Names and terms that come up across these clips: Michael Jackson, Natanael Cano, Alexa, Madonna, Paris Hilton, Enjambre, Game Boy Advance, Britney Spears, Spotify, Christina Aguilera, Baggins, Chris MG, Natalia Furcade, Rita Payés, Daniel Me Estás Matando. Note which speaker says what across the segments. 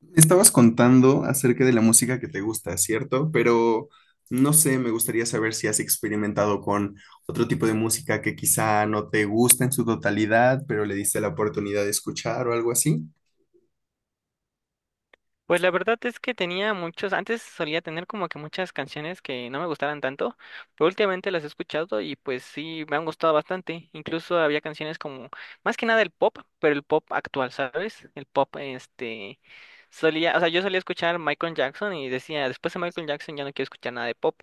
Speaker 1: Me estabas contando acerca de la música que te gusta, ¿cierto? Pero no sé, me gustaría saber si has experimentado con otro tipo de música que quizá no te gusta en su totalidad, pero le diste la oportunidad de escuchar o algo así.
Speaker 2: Pues la verdad es que tenía muchos, antes solía tener como que muchas canciones que no me gustaran tanto, pero últimamente las he escuchado y pues sí, me han gustado bastante. Incluso había canciones como, más que nada el pop, pero el pop actual, ¿sabes? El pop, solía, o sea, yo solía escuchar Michael Jackson y decía, después de Michael Jackson ya no quiero escuchar nada de pop,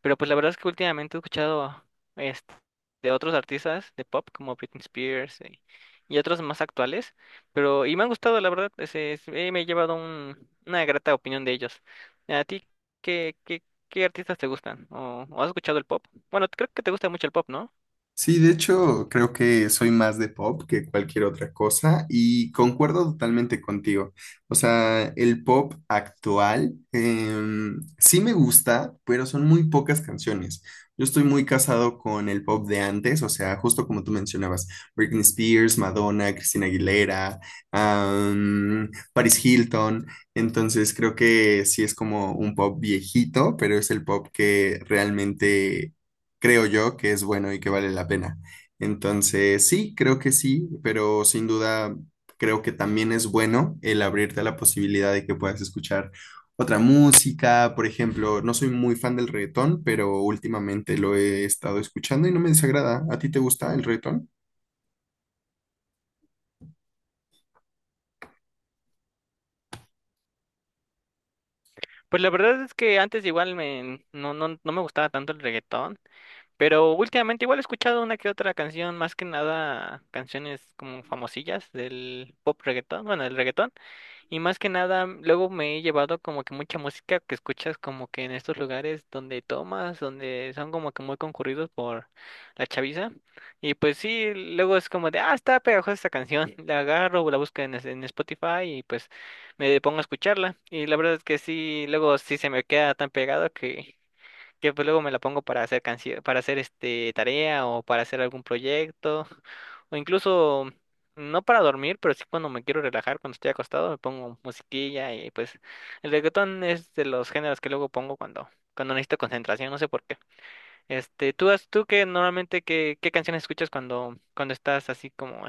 Speaker 2: pero pues la verdad es que últimamente he escuchado, este, de otros artistas de pop como Britney Spears, y otros más actuales. Pero, y me han gustado, la verdad, me he llevado una grata opinión de ellos. ¿A ti qué, qué, qué artistas te gustan? O has escuchado el pop? Bueno, creo que te gusta mucho el pop, ¿no?
Speaker 1: Sí, de hecho, creo que soy más de pop que cualquier otra cosa y concuerdo totalmente contigo. O sea, el pop actual sí me gusta, pero son muy pocas canciones. Yo estoy muy casado con el pop de antes, o sea, justo como tú mencionabas, Britney Spears, Madonna, Christina Aguilera, Paris Hilton. Entonces, creo que sí es como un pop viejito, pero es el pop que realmente creo yo que es bueno y que vale la pena. Entonces, sí, creo que sí, pero sin duda creo que también es bueno el abrirte a la posibilidad de que puedas escuchar otra música. Por ejemplo, no soy muy fan del reggaetón, pero últimamente lo he estado escuchando y no me desagrada. ¿A ti te gusta el reggaetón?
Speaker 2: Pues la verdad es que antes igual me, no, no, no me gustaba tanto el reggaetón, pero últimamente igual he escuchado una que otra canción, más que nada canciones como famosillas del pop reggaetón, bueno, del reggaetón. Y más que nada, luego me he llevado como que mucha música que escuchas como que en estos lugares donde tomas, donde son como que muy concurridos por la chaviza. Y pues sí, luego es como de, ah, está pegajosa esta canción. La agarro, la busco en Spotify y pues me pongo a escucharla. Y la verdad es que sí, luego sí se me queda tan pegado que pues luego me la pongo para hacer canción, para hacer este tarea o para hacer algún proyecto o incluso no para dormir, pero sí cuando me quiero relajar, cuando estoy acostado, me pongo musiquilla y pues el reggaetón es de los géneros que luego pongo cuando necesito concentración, no sé por qué. Este, tú que normalmente qué canciones escuchas cuando estás así como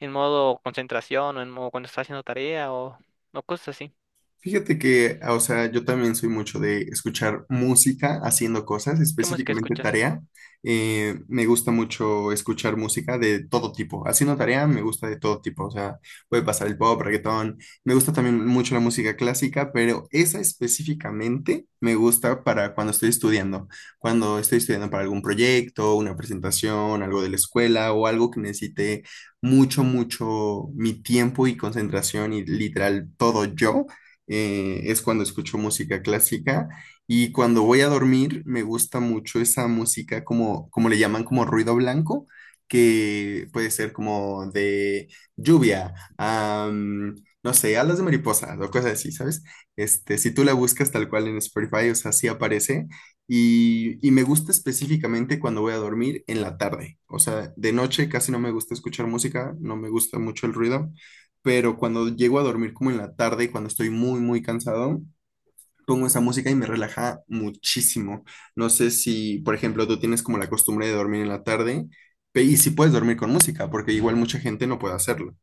Speaker 2: en modo concentración o en modo cuando estás haciendo tarea o cosas así.
Speaker 1: Fíjate que, o sea, yo también soy mucho de escuchar música haciendo cosas,
Speaker 2: ¿Qué música
Speaker 1: específicamente
Speaker 2: escuchas?
Speaker 1: tarea. Me gusta mucho escuchar música de todo tipo. Haciendo tarea me gusta de todo tipo, o sea, puede pasar el pop, reggaetón. Me gusta también mucho la música clásica, pero esa específicamente me gusta para cuando estoy estudiando. Cuando estoy estudiando para algún proyecto, una presentación, algo de la escuela o algo que necesite mucho, mucho mi tiempo y concentración y literal todo yo, es cuando escucho música clásica. Y cuando voy a dormir me gusta mucho esa música como, como le llaman, como ruido blanco, que puede ser como de lluvia, no sé, alas de mariposa o cosas así, ¿sabes? Este, si tú la buscas tal cual en Spotify, o sea, sí aparece, y me gusta específicamente cuando voy a dormir en la tarde, o sea, de noche casi no me gusta escuchar música, no me gusta mucho el ruido, pero cuando llego a dormir como en la tarde, y cuando estoy muy, muy cansado, pongo esa música y me relaja muchísimo. No sé si, por ejemplo, tú tienes como la costumbre de dormir en la tarde, y si puedes dormir con música, porque igual mucha gente no puede hacerlo.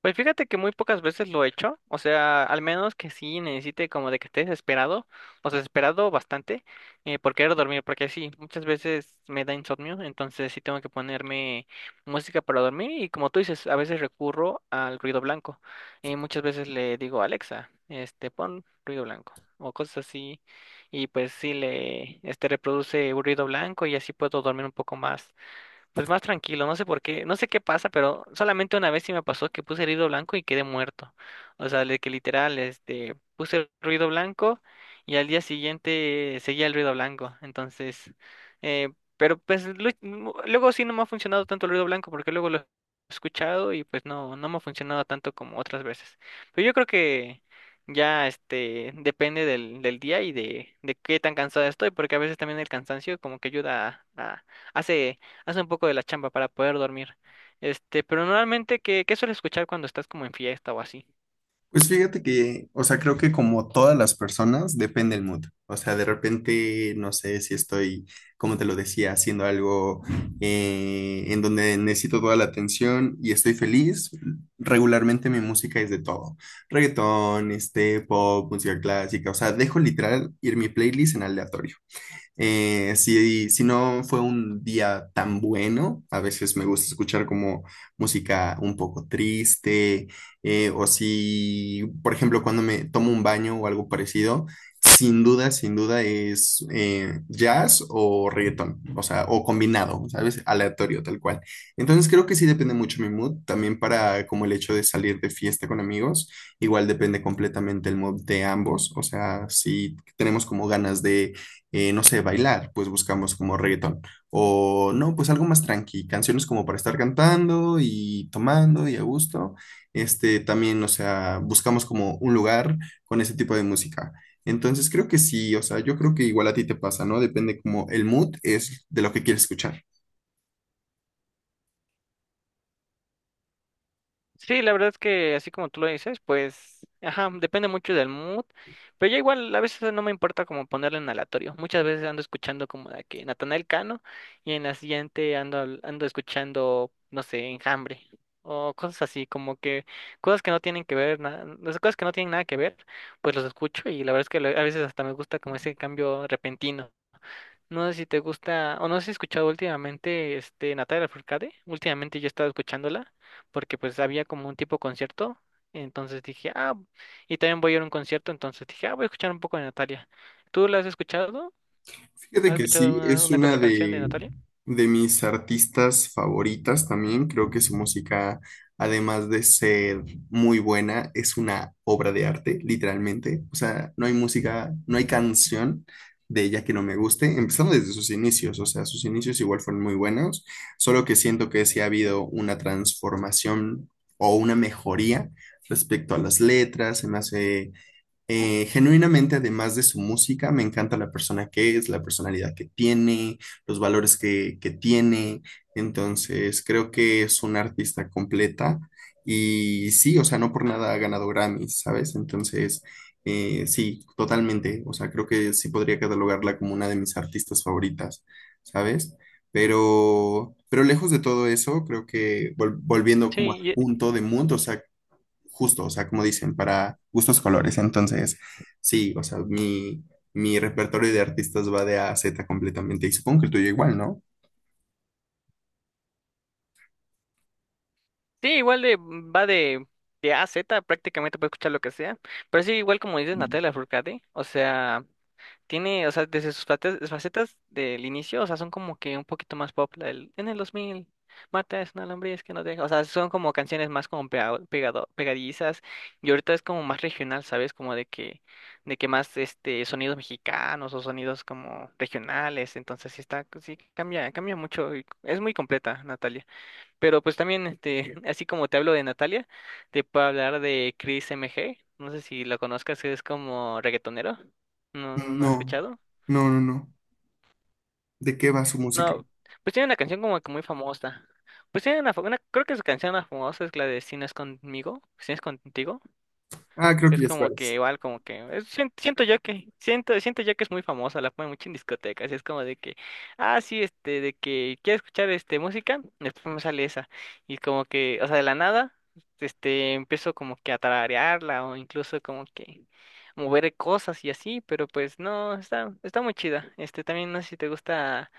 Speaker 2: Pues fíjate que muy pocas veces lo he hecho, o sea, al menos que sí necesite como de que esté desesperado, o sea, desesperado bastante por querer dormir, porque sí, muchas veces me da insomnio, entonces sí tengo que ponerme música para dormir y como tú dices, a veces recurro al ruido blanco. Muchas veces le digo, Alexa, pon ruido blanco o cosas así, y pues sí le, reproduce ruido blanco y así puedo dormir un poco más. Pues más tranquilo, no sé por qué, no sé qué pasa, pero solamente una vez sí me pasó que puse ruido blanco y quedé muerto. O sea, de que literal, puse ruido blanco y al día siguiente seguía el ruido blanco. Entonces, eh, pero pues luego sí no me ha funcionado tanto el ruido blanco porque luego lo he escuchado y pues no, no me ha funcionado tanto como otras veces. Pero yo creo que ya, depende del, del día y de qué tan cansado estoy, porque a veces también el cansancio como que ayuda hace hace un poco de la chamba para poder dormir. Este, pero normalmente, ¿qué, qué sueles escuchar cuando estás como en fiesta o así?
Speaker 1: Pues fíjate que, o sea, creo que como todas las personas, depende el mood. O sea, de repente, no sé si estoy, como te lo decía, haciendo algo, en donde necesito toda la atención y estoy feliz. Regularmente mi música es de todo. Reggaetón, este, pop, música clásica. O sea, dejo literal ir mi playlist en aleatorio. Si, si no fue un día tan bueno, a veces me gusta escuchar como música un poco triste, o si, por ejemplo, cuando me tomo un baño o algo parecido, sin duda, sin duda es jazz o reggaetón, o sea, o combinado, ¿sabes? Aleatorio, tal cual. Entonces creo que sí depende mucho mi mood, también para como el hecho de salir de fiesta con amigos, igual depende completamente el mood de ambos, o sea, si tenemos como ganas de, no sé, bailar, pues buscamos como reggaetón. O no, pues algo más tranqui, canciones como para estar cantando y tomando y a gusto. Este, también, o sea, buscamos como un lugar con ese tipo de música. Entonces creo que sí, o sea, yo creo que igual a ti te pasa, ¿no? Depende como el mood es de lo que quieres escuchar.
Speaker 2: Sí, la verdad es que así como tú lo dices, pues, ajá, depende mucho del mood, pero ya igual a veces no me importa como ponerle en aleatorio. Muchas veces ando escuchando como de que Natanael Cano y en la siguiente ando escuchando, no sé, Enjambre o cosas así, como que cosas que no tienen que ver, las cosas que no tienen nada que ver, pues los escucho y la verdad es que a veces hasta me gusta como ese cambio repentino. No sé si te gusta, o no sé si has escuchado últimamente este Natalia Furcade. Últimamente yo he estado escuchándola, porque pues había como un tipo concierto. Entonces dije, ah, y también voy a ir a un concierto, entonces dije, ah, voy a escuchar un poco de Natalia. ¿Tú la has escuchado?
Speaker 1: Fíjate
Speaker 2: ¿Has
Speaker 1: que
Speaker 2: escuchado
Speaker 1: sí, es
Speaker 2: una que
Speaker 1: una
Speaker 2: otra canción de Natalia?
Speaker 1: de mis artistas favoritas también. Creo que su música, además de ser muy buena, es una obra de arte, literalmente. O sea, no hay música, no hay canción de ella que no me guste, empezando desde sus inicios. O sea, sus inicios igual fueron muy buenos, solo que siento que sí ha habido una transformación o una mejoría respecto a las letras. Se me hace, genuinamente, además de su música, me encanta la persona que es, la personalidad que tiene, los valores que tiene. Entonces, creo que es una artista completa y sí, o sea, no por nada ha ganado Grammys, ¿sabes? Entonces, sí, totalmente. O sea, creo que sí podría catalogarla como una de mis artistas favoritas, ¿sabes? Pero lejos de todo eso, creo que volviendo
Speaker 2: Sí,
Speaker 1: como al
Speaker 2: y-
Speaker 1: punto de mood, o sea, justo, o sea, como dicen, para gustos colores. Entonces, sí, o sea, mi repertorio de artistas va de A a Z completamente. Y supongo que el tuyo igual, ¿no?
Speaker 2: sí, igual de, va de A a Z, prácticamente puedes escuchar lo que sea. Pero sí, igual como dices Natalia Furcade, o sea. Tiene, o sea, desde sus facetas, facetas del inicio, o sea, son como que un poquito más pop. En el 2000 Marta es una lombriz que no deja. O sea, son como canciones más como pegado, pegadizas. Y ahorita es como más regional, ¿sabes? Como de que más este sonidos mexicanos o sonidos como regionales. Entonces sí está, sí cambia, cambia mucho. Y es muy completa, Natalia. Pero pues también, así como te hablo de Natalia, te puedo hablar de Chris MG. No sé si lo conozcas, es como reggaetonero. No, no, no has
Speaker 1: No,
Speaker 2: escuchado.
Speaker 1: no, no, no. ¿De qué va su música?
Speaker 2: No, pues tiene una canción como que muy famosa. Pues tiene una, creo que su canción más famosa es la de Si no es conmigo, si no es contigo.
Speaker 1: Ah, creo que
Speaker 2: Es
Speaker 1: ya
Speaker 2: como que
Speaker 1: sabes.
Speaker 2: igual, como que siento yo que siento yo que es muy famosa, la ponen mucho en discotecas, y es como de que ah sí, este de que quieres escuchar este música, después me sale esa y como que, o sea, de la nada empiezo como que a tararearla o incluso como que mover cosas y así, pero pues no, está muy chida. Este también no sé si te gusta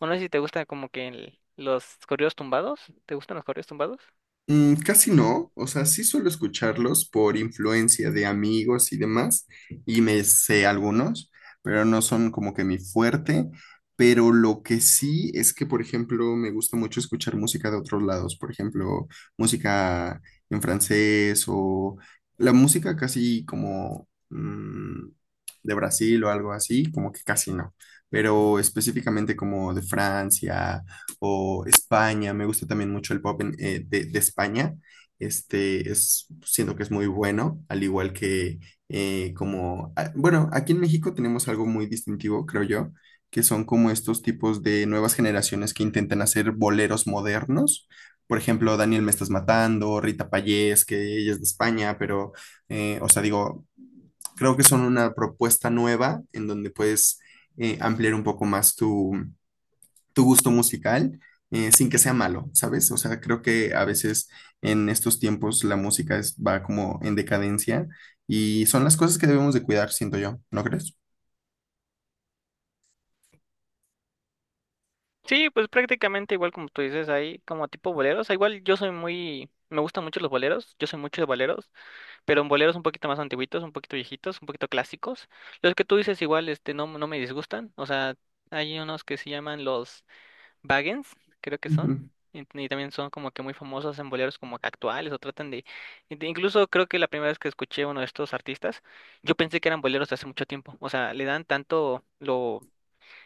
Speaker 2: o no sé si te gusta como que los corridos tumbados, ¿te gustan los corridos tumbados?
Speaker 1: Mm, casi no, o sea, sí suelo escucharlos por influencia de amigos y demás, y me sé algunos, pero no son como que mi fuerte, pero lo que sí es que, por ejemplo, me gusta mucho escuchar música de otros lados, por ejemplo, música en francés o la música casi como mm, de Brasil o algo así, como que casi no, pero específicamente como de Francia o España, me gusta también mucho el pop de España, este es, siento que es muy bueno, al igual que, bueno, aquí en México tenemos algo muy distintivo, creo yo, que son como estos tipos de nuevas generaciones que intentan hacer boleros modernos. Por ejemplo, Daniel Me Estás Matando, Rita Payés, que ella es de España, pero, o sea, digo, creo que son una propuesta nueva en donde puedes ampliar un poco más tu tu gusto musical, sin que sea malo, ¿sabes? O sea, creo que a veces en estos tiempos la música va como en decadencia y son las cosas que debemos de cuidar, siento yo, ¿no crees?
Speaker 2: Sí, pues prácticamente igual como tú dices, hay como tipo boleros. Ah, igual yo soy muy, me gustan mucho los boleros, yo soy mucho de boleros, pero en boleros un poquito más antiguitos, un poquito viejitos, un poquito clásicos. Los que tú dices igual, no, no me disgustan. O sea, hay unos que se llaman los Baggins, creo que son. Y también son como que muy famosos en boleros como que actuales o tratan de... Incluso creo que la primera vez que escuché a uno de estos artistas, yo pensé que eran boleros de hace mucho tiempo. O sea, le dan tanto lo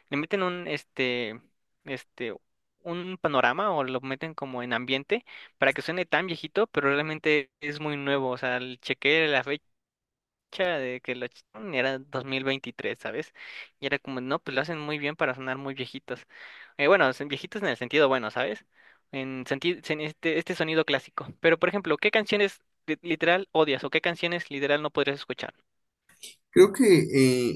Speaker 2: le meten un este un panorama o lo meten como en ambiente para que suene tan viejito, pero realmente es muy nuevo, o sea, chequeé la fecha de que lo echaron y era 2023, ¿sabes? Y era como, no, pues lo hacen muy bien para sonar muy viejitos. Bueno, son viejitos en el sentido bueno, ¿sabes? En sentido en este sonido clásico. Pero por ejemplo, ¿qué canciones literal odias o qué canciones literal no podrías escuchar?
Speaker 1: Creo que,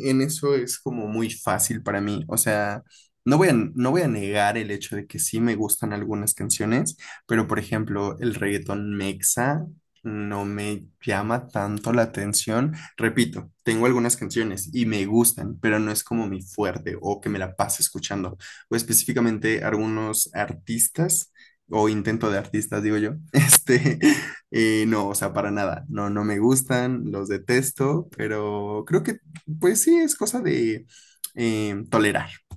Speaker 1: en eso es como muy fácil para mí. O sea, no voy a negar el hecho de que sí me gustan algunas canciones, pero por ejemplo, el reggaetón mexa no me llama tanto la atención. Repito, tengo algunas canciones y me gustan, pero no es como mi fuerte o que me la pase escuchando. O específicamente algunos artistas o intento de artistas, digo yo, este, no, o sea, para nada. No, no me gustan, los detesto, pero creo que, pues sí, es cosa de tolerar,